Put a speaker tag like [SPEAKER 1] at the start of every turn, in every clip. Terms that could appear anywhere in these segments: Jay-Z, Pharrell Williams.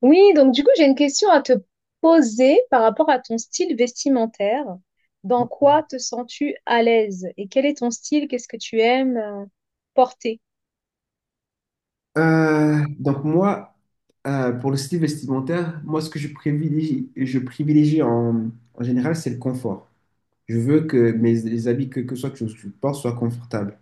[SPEAKER 1] Oui, donc du coup, j'ai une question à te poser par rapport à ton style vestimentaire. Dans quoi te sens-tu à l'aise? Et quel est ton style? Qu'est-ce que tu aimes porter?
[SPEAKER 2] Donc moi, pour le style vestimentaire, moi, ce que je privilégie en général, c'est le confort. Je veux que mes les habits, que je porte, soient confortables.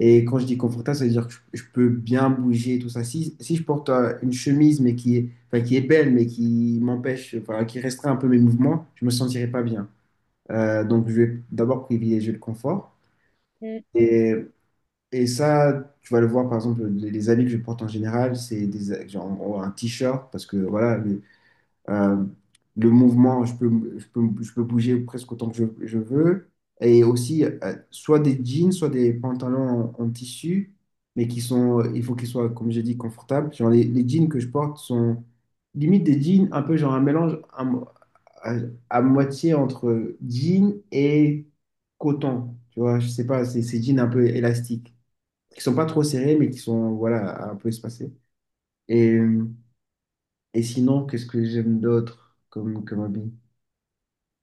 [SPEAKER 2] Et quand je dis confortable, ça veut dire que je peux bien bouger, tout ça. Si je porte une chemise, mais qui est, enfin, qui est belle, mais qui m'empêche, enfin, qui restreint un peu mes mouvements, je me sentirai pas bien. Donc, je vais d'abord privilégier le confort.
[SPEAKER 1] Mm,
[SPEAKER 2] Et et ça, tu vas le voir, par exemple, les habits que je porte en général, c'est des, genre, un t-shirt, parce que voilà, euh, le mouvement, je peux bouger presque autant que je veux. Et aussi, soit des jeans, soit des pantalons en tissu, mais qui sont, il faut qu'ils soient, comme j'ai dit, confortables. Genre, les jeans que je porte sont limite des jeans, un peu genre un mélange à, à moitié entre jeans et coton. Tu vois, je sais pas, c'est jeans un peu élastiques qui sont pas trop serrés, mais qui sont voilà, un peu espacés. Et, euh, et sinon, qu'est-ce que j'aime d'autre comme habit?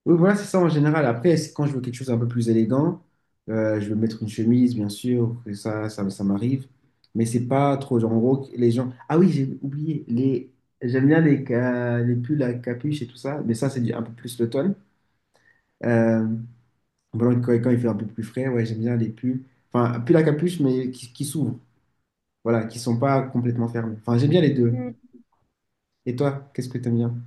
[SPEAKER 2] Oui, voilà, c'est ça en général. Après, c'est quand je veux quelque chose un peu plus élégant, je vais mettre une chemise, bien sûr, que ça m'arrive. Mais c'est pas trop, genre, en gros, les gens. Ah oui, j'ai oublié, les... j'aime bien les pulls à capuche et tout ça, mais ça, c'est un peu plus l'automne. Euh, voilà, quand, quand il fait un peu plus frais, ouais, j'aime bien les pulls. Enfin, pulls à capuche, mais qui s'ouvrent, voilà, qui sont pas complètement fermés. Enfin, j'aime bien les deux.
[SPEAKER 1] mm.
[SPEAKER 2] Et toi, qu'est-ce que t'aimes bien?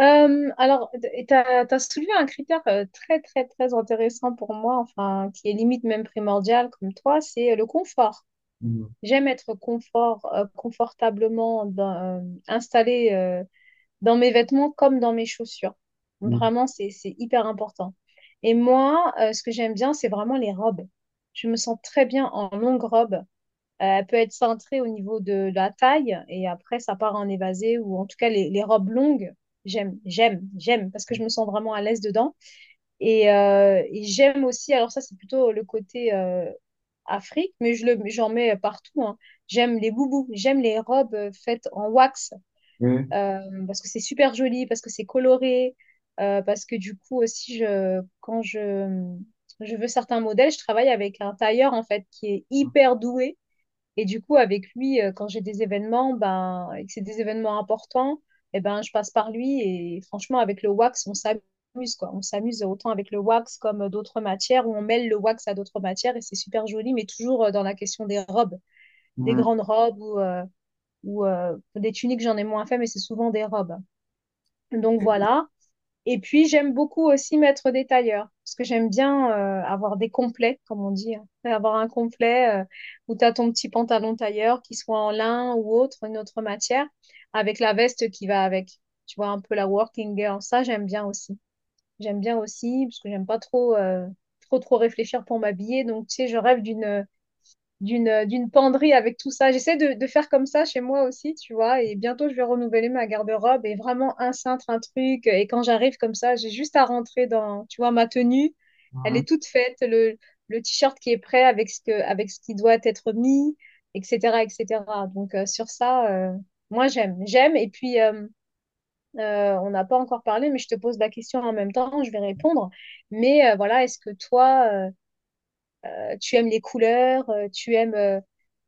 [SPEAKER 1] Alors, tu as soulevé un critère très, très, très intéressant pour moi, enfin, qui est limite même primordial comme toi, c'est le confort.
[SPEAKER 2] Mm,
[SPEAKER 1] J'aime être confortablement installée dans mes vêtements comme dans mes chaussures.
[SPEAKER 2] mm,
[SPEAKER 1] Vraiment, c'est hyper important. Et moi, ce que j'aime bien, c'est vraiment les robes. Je me sens très bien en longue robe. Elle peut être cintrée au niveau de la taille et après, ça part en évasé ou en tout cas, les robes longues, j'aime parce que je me sens vraiment à l'aise dedans. Et j'aime aussi, alors ça, c'est plutôt le côté Afrique, mais j'en mets partout, hein. J'aime les boubous, j'aime les robes faites en wax
[SPEAKER 2] ouais.
[SPEAKER 1] parce que c'est super joli, parce que c'est coloré, parce que du coup aussi, quand je veux certains modèles, je travaille avec un tailleur en fait qui est
[SPEAKER 2] Mm,
[SPEAKER 1] hyper doué. Et du coup, avec lui, quand j'ai des événements, ben, et que c'est des événements importants, eh ben, je passe par lui. Et franchement, avec le wax, on s'amuse, quoi. On s'amuse autant avec le wax comme d'autres matières, où on mêle le wax à d'autres matières et c'est super joli, mais toujours dans la question des robes, des grandes robes ou des tuniques, j'en ai moins fait, mais c'est souvent des robes. Donc voilà. Et puis j'aime beaucoup aussi mettre des tailleurs, parce que j'aime bien avoir des complets, comme on dit, hein. Avoir un complet où tu as ton petit pantalon tailleur, qui soit en lin ou autre, une autre matière, avec la veste qui va avec. Tu vois, un peu la working girl. Ça, j'aime bien aussi. J'aime bien aussi, parce que j'aime pas trop, trop réfléchir pour m'habiller. Donc, tu sais, je rêve d'une d'une penderie avec tout ça. J'essaie de faire comme ça chez moi aussi, tu vois, et bientôt je vais renouveler ma garde-robe et vraiment un cintre, un truc. Et quand j'arrive comme ça, j'ai juste à rentrer dans, tu vois, ma tenue, elle
[SPEAKER 2] mm,
[SPEAKER 1] est toute faite, le t-shirt qui est prêt avec avec ce qui doit être mis, etc., etc. Donc sur ça, moi j'aime. Et puis on n'a pas encore parlé, mais je te pose la question en même temps, je vais répondre. Mais voilà, est-ce que toi tu aimes les couleurs, tu aimes euh,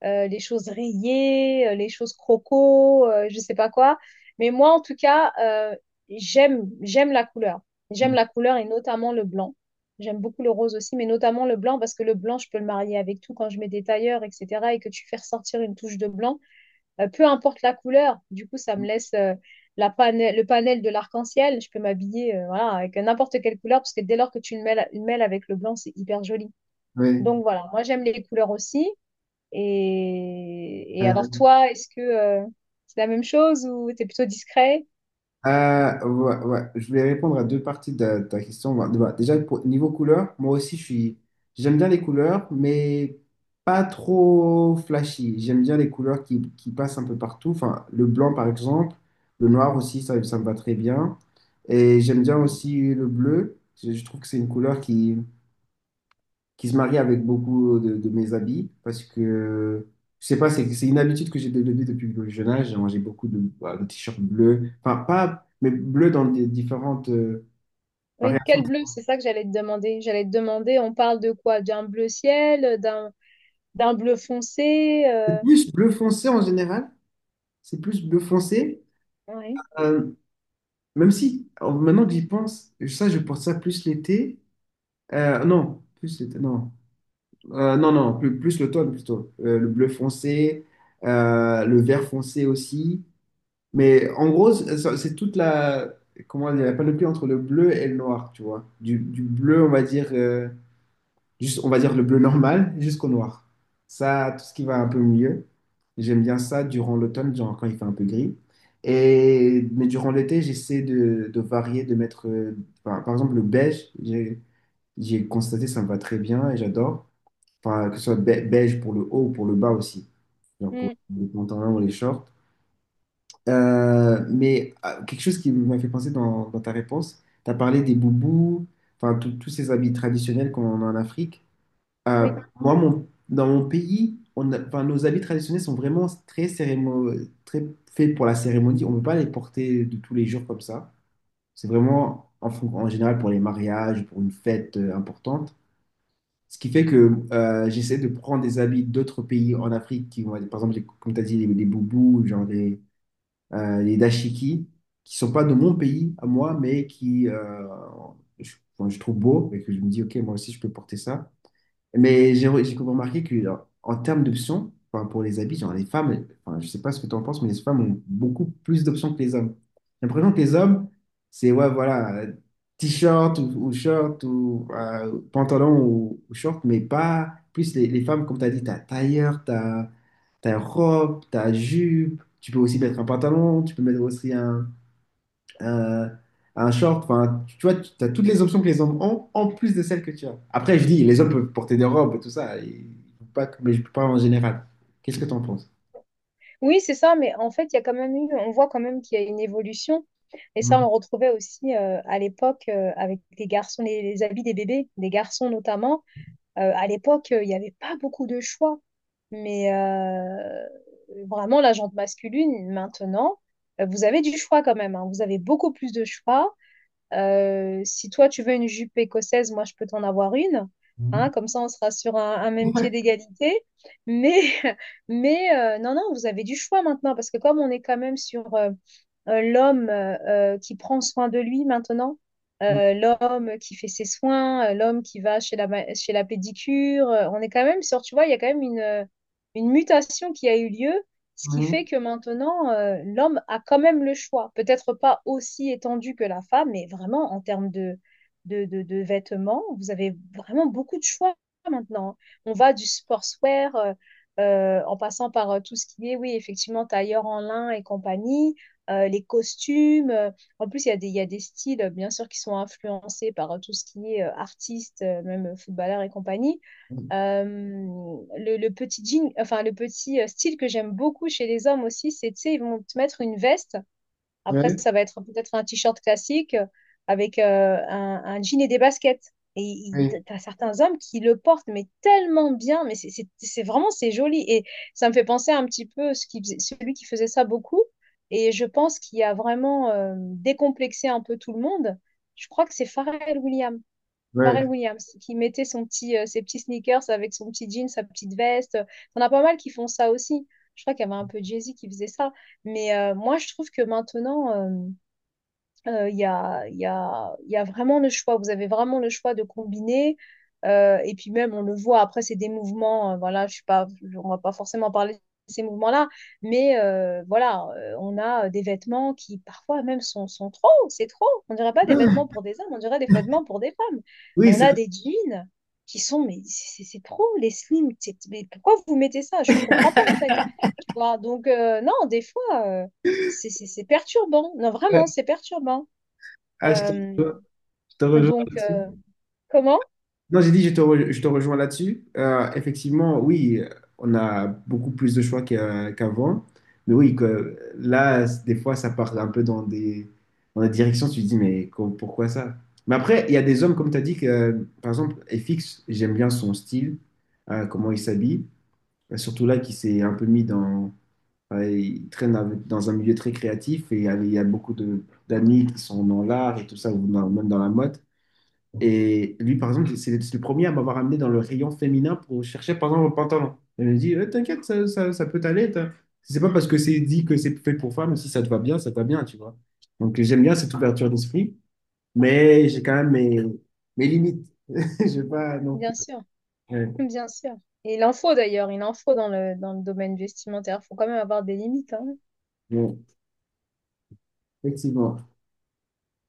[SPEAKER 1] euh, les choses rayées, les choses croco, je sais pas quoi. Mais moi, en tout cas, j'aime la couleur. J'aime
[SPEAKER 2] mm,
[SPEAKER 1] la couleur et notamment le blanc. J'aime beaucoup le rose aussi, mais notamment le blanc parce que le blanc, je peux le marier avec tout quand je mets des tailleurs, etc. Et que tu fais ressortir une touche de blanc, peu importe la couleur. Du coup, ça me
[SPEAKER 2] mm,
[SPEAKER 1] laisse le panel de l'arc-en-ciel. Je peux m'habiller voilà, avec n'importe quelle couleur parce que dès lors que tu le mêles avec le blanc, c'est hyper joli.
[SPEAKER 2] ouais.
[SPEAKER 1] Donc voilà, moi j'aime les couleurs aussi. Et
[SPEAKER 2] Euh,
[SPEAKER 1] alors toi, est-ce que c'est la même chose ou t'es plutôt discret?
[SPEAKER 2] ouais, ouais. Je voulais répondre à deux parties de ta question. Bah, déjà, niveau couleur, moi aussi, j'aime bien les couleurs, mais pas trop flashy. J'aime bien les couleurs qui passent un peu partout. Enfin, le blanc, par exemple. Le noir aussi, ça me va très bien. Et j'aime bien aussi le bleu. Je trouve que c'est une couleur qui se marie avec beaucoup de mes habits parce que je sais pas, c'est une habitude que j'ai développée depuis le jeune âge. Genre, j'ai beaucoup de, bah, de t-shirts bleus, enfin pas, mais bleus dans des différentes
[SPEAKER 1] Oui,
[SPEAKER 2] variations.
[SPEAKER 1] quel bleu? C'est ça que j'allais te demander. J'allais te demander, on parle de quoi? D'un bleu ciel, d'un bleu foncé.
[SPEAKER 2] C'est
[SPEAKER 1] Euh,
[SPEAKER 2] plus bleu foncé en général, c'est plus bleu foncé.
[SPEAKER 1] ouais.
[SPEAKER 2] Euh, même si maintenant que j'y pense, ça je porte ça plus l'été. Non, plus l'été, non. Plus l'automne plutôt. Le bleu foncé, le vert foncé aussi. Mais en gros, c'est toute la, comment dire, la panoplie entre le bleu et le noir, tu vois. Du bleu, on va dire, juste, on va dire le bleu normal jusqu'au noir. Ça, tout ce qui va un peu mieux. J'aime bien ça durant l'automne, genre quand il fait un peu gris. Et, mais durant l'été, j'essaie de varier, de mettre, par exemple, le beige. J'ai constaté, ça me va très bien et j'adore. Enfin, que ce soit beige pour le haut ou pour le bas aussi. Genre pour
[SPEAKER 1] Mm,
[SPEAKER 2] les pantalons ou les shorts. Mais quelque chose qui m'a fait penser dans ta réponse, tu as parlé des boubous, enfin tous ces habits traditionnels qu'on a en Afrique. Euh,
[SPEAKER 1] oui,
[SPEAKER 2] moi, mon, dans mon pays, enfin, nos habits traditionnels sont vraiment très, très faits pour la cérémonie. On ne peut pas les porter de tous les jours comme ça. C'est vraiment en général pour les mariages, pour une fête importante. Ce qui fait que j'essaie de prendre des habits d'autres pays en Afrique, qui, par exemple, comme tu as dit, les boubous, genre des les dashiki, qui sont pas de mon pays à moi, mais qui je, enfin, je trouve beau et que je me dis, ok, moi aussi je peux porter ça. Mais j'ai remarqué que genre, en termes d'options, enfin, pour les habits, genre les femmes, enfin, je sais pas ce que tu en penses, mais les femmes ont beaucoup plus d'options que les hommes. J'ai l'impression que les hommes, c'est ouais, voilà, t-shirt ou short ou pantalon ou short, mais pas plus les femmes, comme tu as dit, tu as tailleur, tu as ta robe, ta jupe, tu peux aussi mettre un pantalon, tu peux mettre aussi un, un short, enfin, tu vois, tu as toutes les options que les hommes ont, en plus de celles que tu as. Après, je dis, les hommes peuvent porter des robes et tout ça, et- pas, mais je parle en général. Qu'est-ce que tu en penses?
[SPEAKER 1] oui, c'est ça. Mais en fait, il y a quand même eu, on voit quand même qu'il y a une évolution. Et ça, on
[SPEAKER 2] Mhm.
[SPEAKER 1] le retrouvait aussi à l'époque avec les garçons, les habits des bébés, des garçons notamment. À l'époque, il n'y avait pas beaucoup de choix. Mais vraiment, la jante masculine, maintenant, vous avez du choix quand même, hein. Vous avez beaucoup plus de choix. Si toi, tu veux une jupe écossaise, moi, je peux t'en avoir une.
[SPEAKER 2] Mhm.
[SPEAKER 1] Hein, comme ça, on sera sur un même pied d'égalité. Mais, mais non, non, vous avez du choix maintenant parce que comme on est quand même sur l'homme qui prend soin de lui maintenant, l'homme qui fait ses soins, l'homme qui va chez la pédicure. On est quand même sur, tu vois, il y a quand même une mutation qui a eu lieu, ce qui fait
[SPEAKER 2] Mhm.
[SPEAKER 1] que maintenant, l'homme a quand même le choix. Peut-être pas aussi étendu que la femme, mais vraiment en termes de vêtements, vous avez vraiment beaucoup de choix maintenant. On va du sportswear. En passant par tout ce qui est, oui, effectivement, tailleur en lin et compagnie, les costumes. En plus, il y a des styles, bien sûr, qui sont influencés par tout ce qui est artiste, même footballeur et compagnie. Le petit jean, enfin, le petit style que j'aime beaucoup chez les hommes aussi, c'est, tu sais, ils vont te mettre une veste. Après,
[SPEAKER 2] Ouais,
[SPEAKER 1] ça va être peut-être un t-shirt classique avec un jean et des baskets.
[SPEAKER 2] ouais,
[SPEAKER 1] T'as certains hommes qui le portent, mais tellement bien, mais c'est vraiment, c'est joli. Et ça me fait penser un petit peu celui qui faisait ça beaucoup. Et je pense qu'il a vraiment décomplexé un peu tout le monde. Je crois que c'est Pharrell Williams. Pharrell
[SPEAKER 2] ouais.
[SPEAKER 1] Williams, qui mettait son ses petits sneakers avec son petit jean, sa petite veste. Enfin, on a pas mal qui font ça aussi. Je crois qu'il y avait un peu Jay-Z qui faisait ça. Mais moi, je trouve que maintenant, il y a, il y a vraiment le choix. Vous avez vraiment le choix de combiner. Et puis même, on le voit, après, c'est des mouvements. Voilà, je suis pas, je- on va pas forcément parler de ces mouvements-là. Mais voilà, on a des vêtements qui parfois même sont trop. C'est trop. On dirait pas des vêtements
[SPEAKER 2] Ah,
[SPEAKER 1] pour des hommes, on dirait des vêtements pour des femmes.
[SPEAKER 2] oui,
[SPEAKER 1] On
[SPEAKER 2] c'est
[SPEAKER 1] a
[SPEAKER 2] vrai.
[SPEAKER 1] des jeans qui sont, mais c'est trop, les slims. Mais pourquoi vous mettez ça? Je comprends pas, en fait. Tu vois, donc non, des fois, c'est perturbant. Non, vraiment,
[SPEAKER 2] Ouais,
[SPEAKER 1] c'est perturbant.
[SPEAKER 2] ah,
[SPEAKER 1] Euh,
[SPEAKER 2] je te rejoins.
[SPEAKER 1] donc, euh, comment?
[SPEAKER 2] Non, j'ai dit, je te rejoins là-dessus. Effectivement, oui, on a beaucoup plus de choix qu'avant. Mais oui, que, là, des fois, ça part un peu dans dans des directions. Tu te dis, mais pourquoi ça? Mais après, il y a des hommes, comme tu as dit, que, par exemple, FX, j'aime bien son style, comment il s'habille. Surtout là, qui s'est un peu mis dans. Euh, il traîne dans un milieu très créatif et il y a beaucoup d'amis qui sont dans l'art et tout ça, ou même dans la mode. Et lui, par exemple, c'est le premier à m'avoir amené dans le rayon féminin pour chercher, par exemple, un pantalon. Il me dit, eh, t'inquiète, ça peut t'aller. C'est pas parce que c'est dit que c'est fait pour femmes, si ça te va bien, ça te va bien, tu vois. Donc, j'aime bien cette ouverture d'esprit, mais j'ai quand même mes limites. Je vais pas non plus.
[SPEAKER 1] Bien sûr,
[SPEAKER 2] Ouais,
[SPEAKER 1] bien sûr. Et il en faut d'ailleurs, il en faut dans le domaine vestimentaire. Il faut quand même avoir des limites, hein.
[SPEAKER 2] bon, effectivement.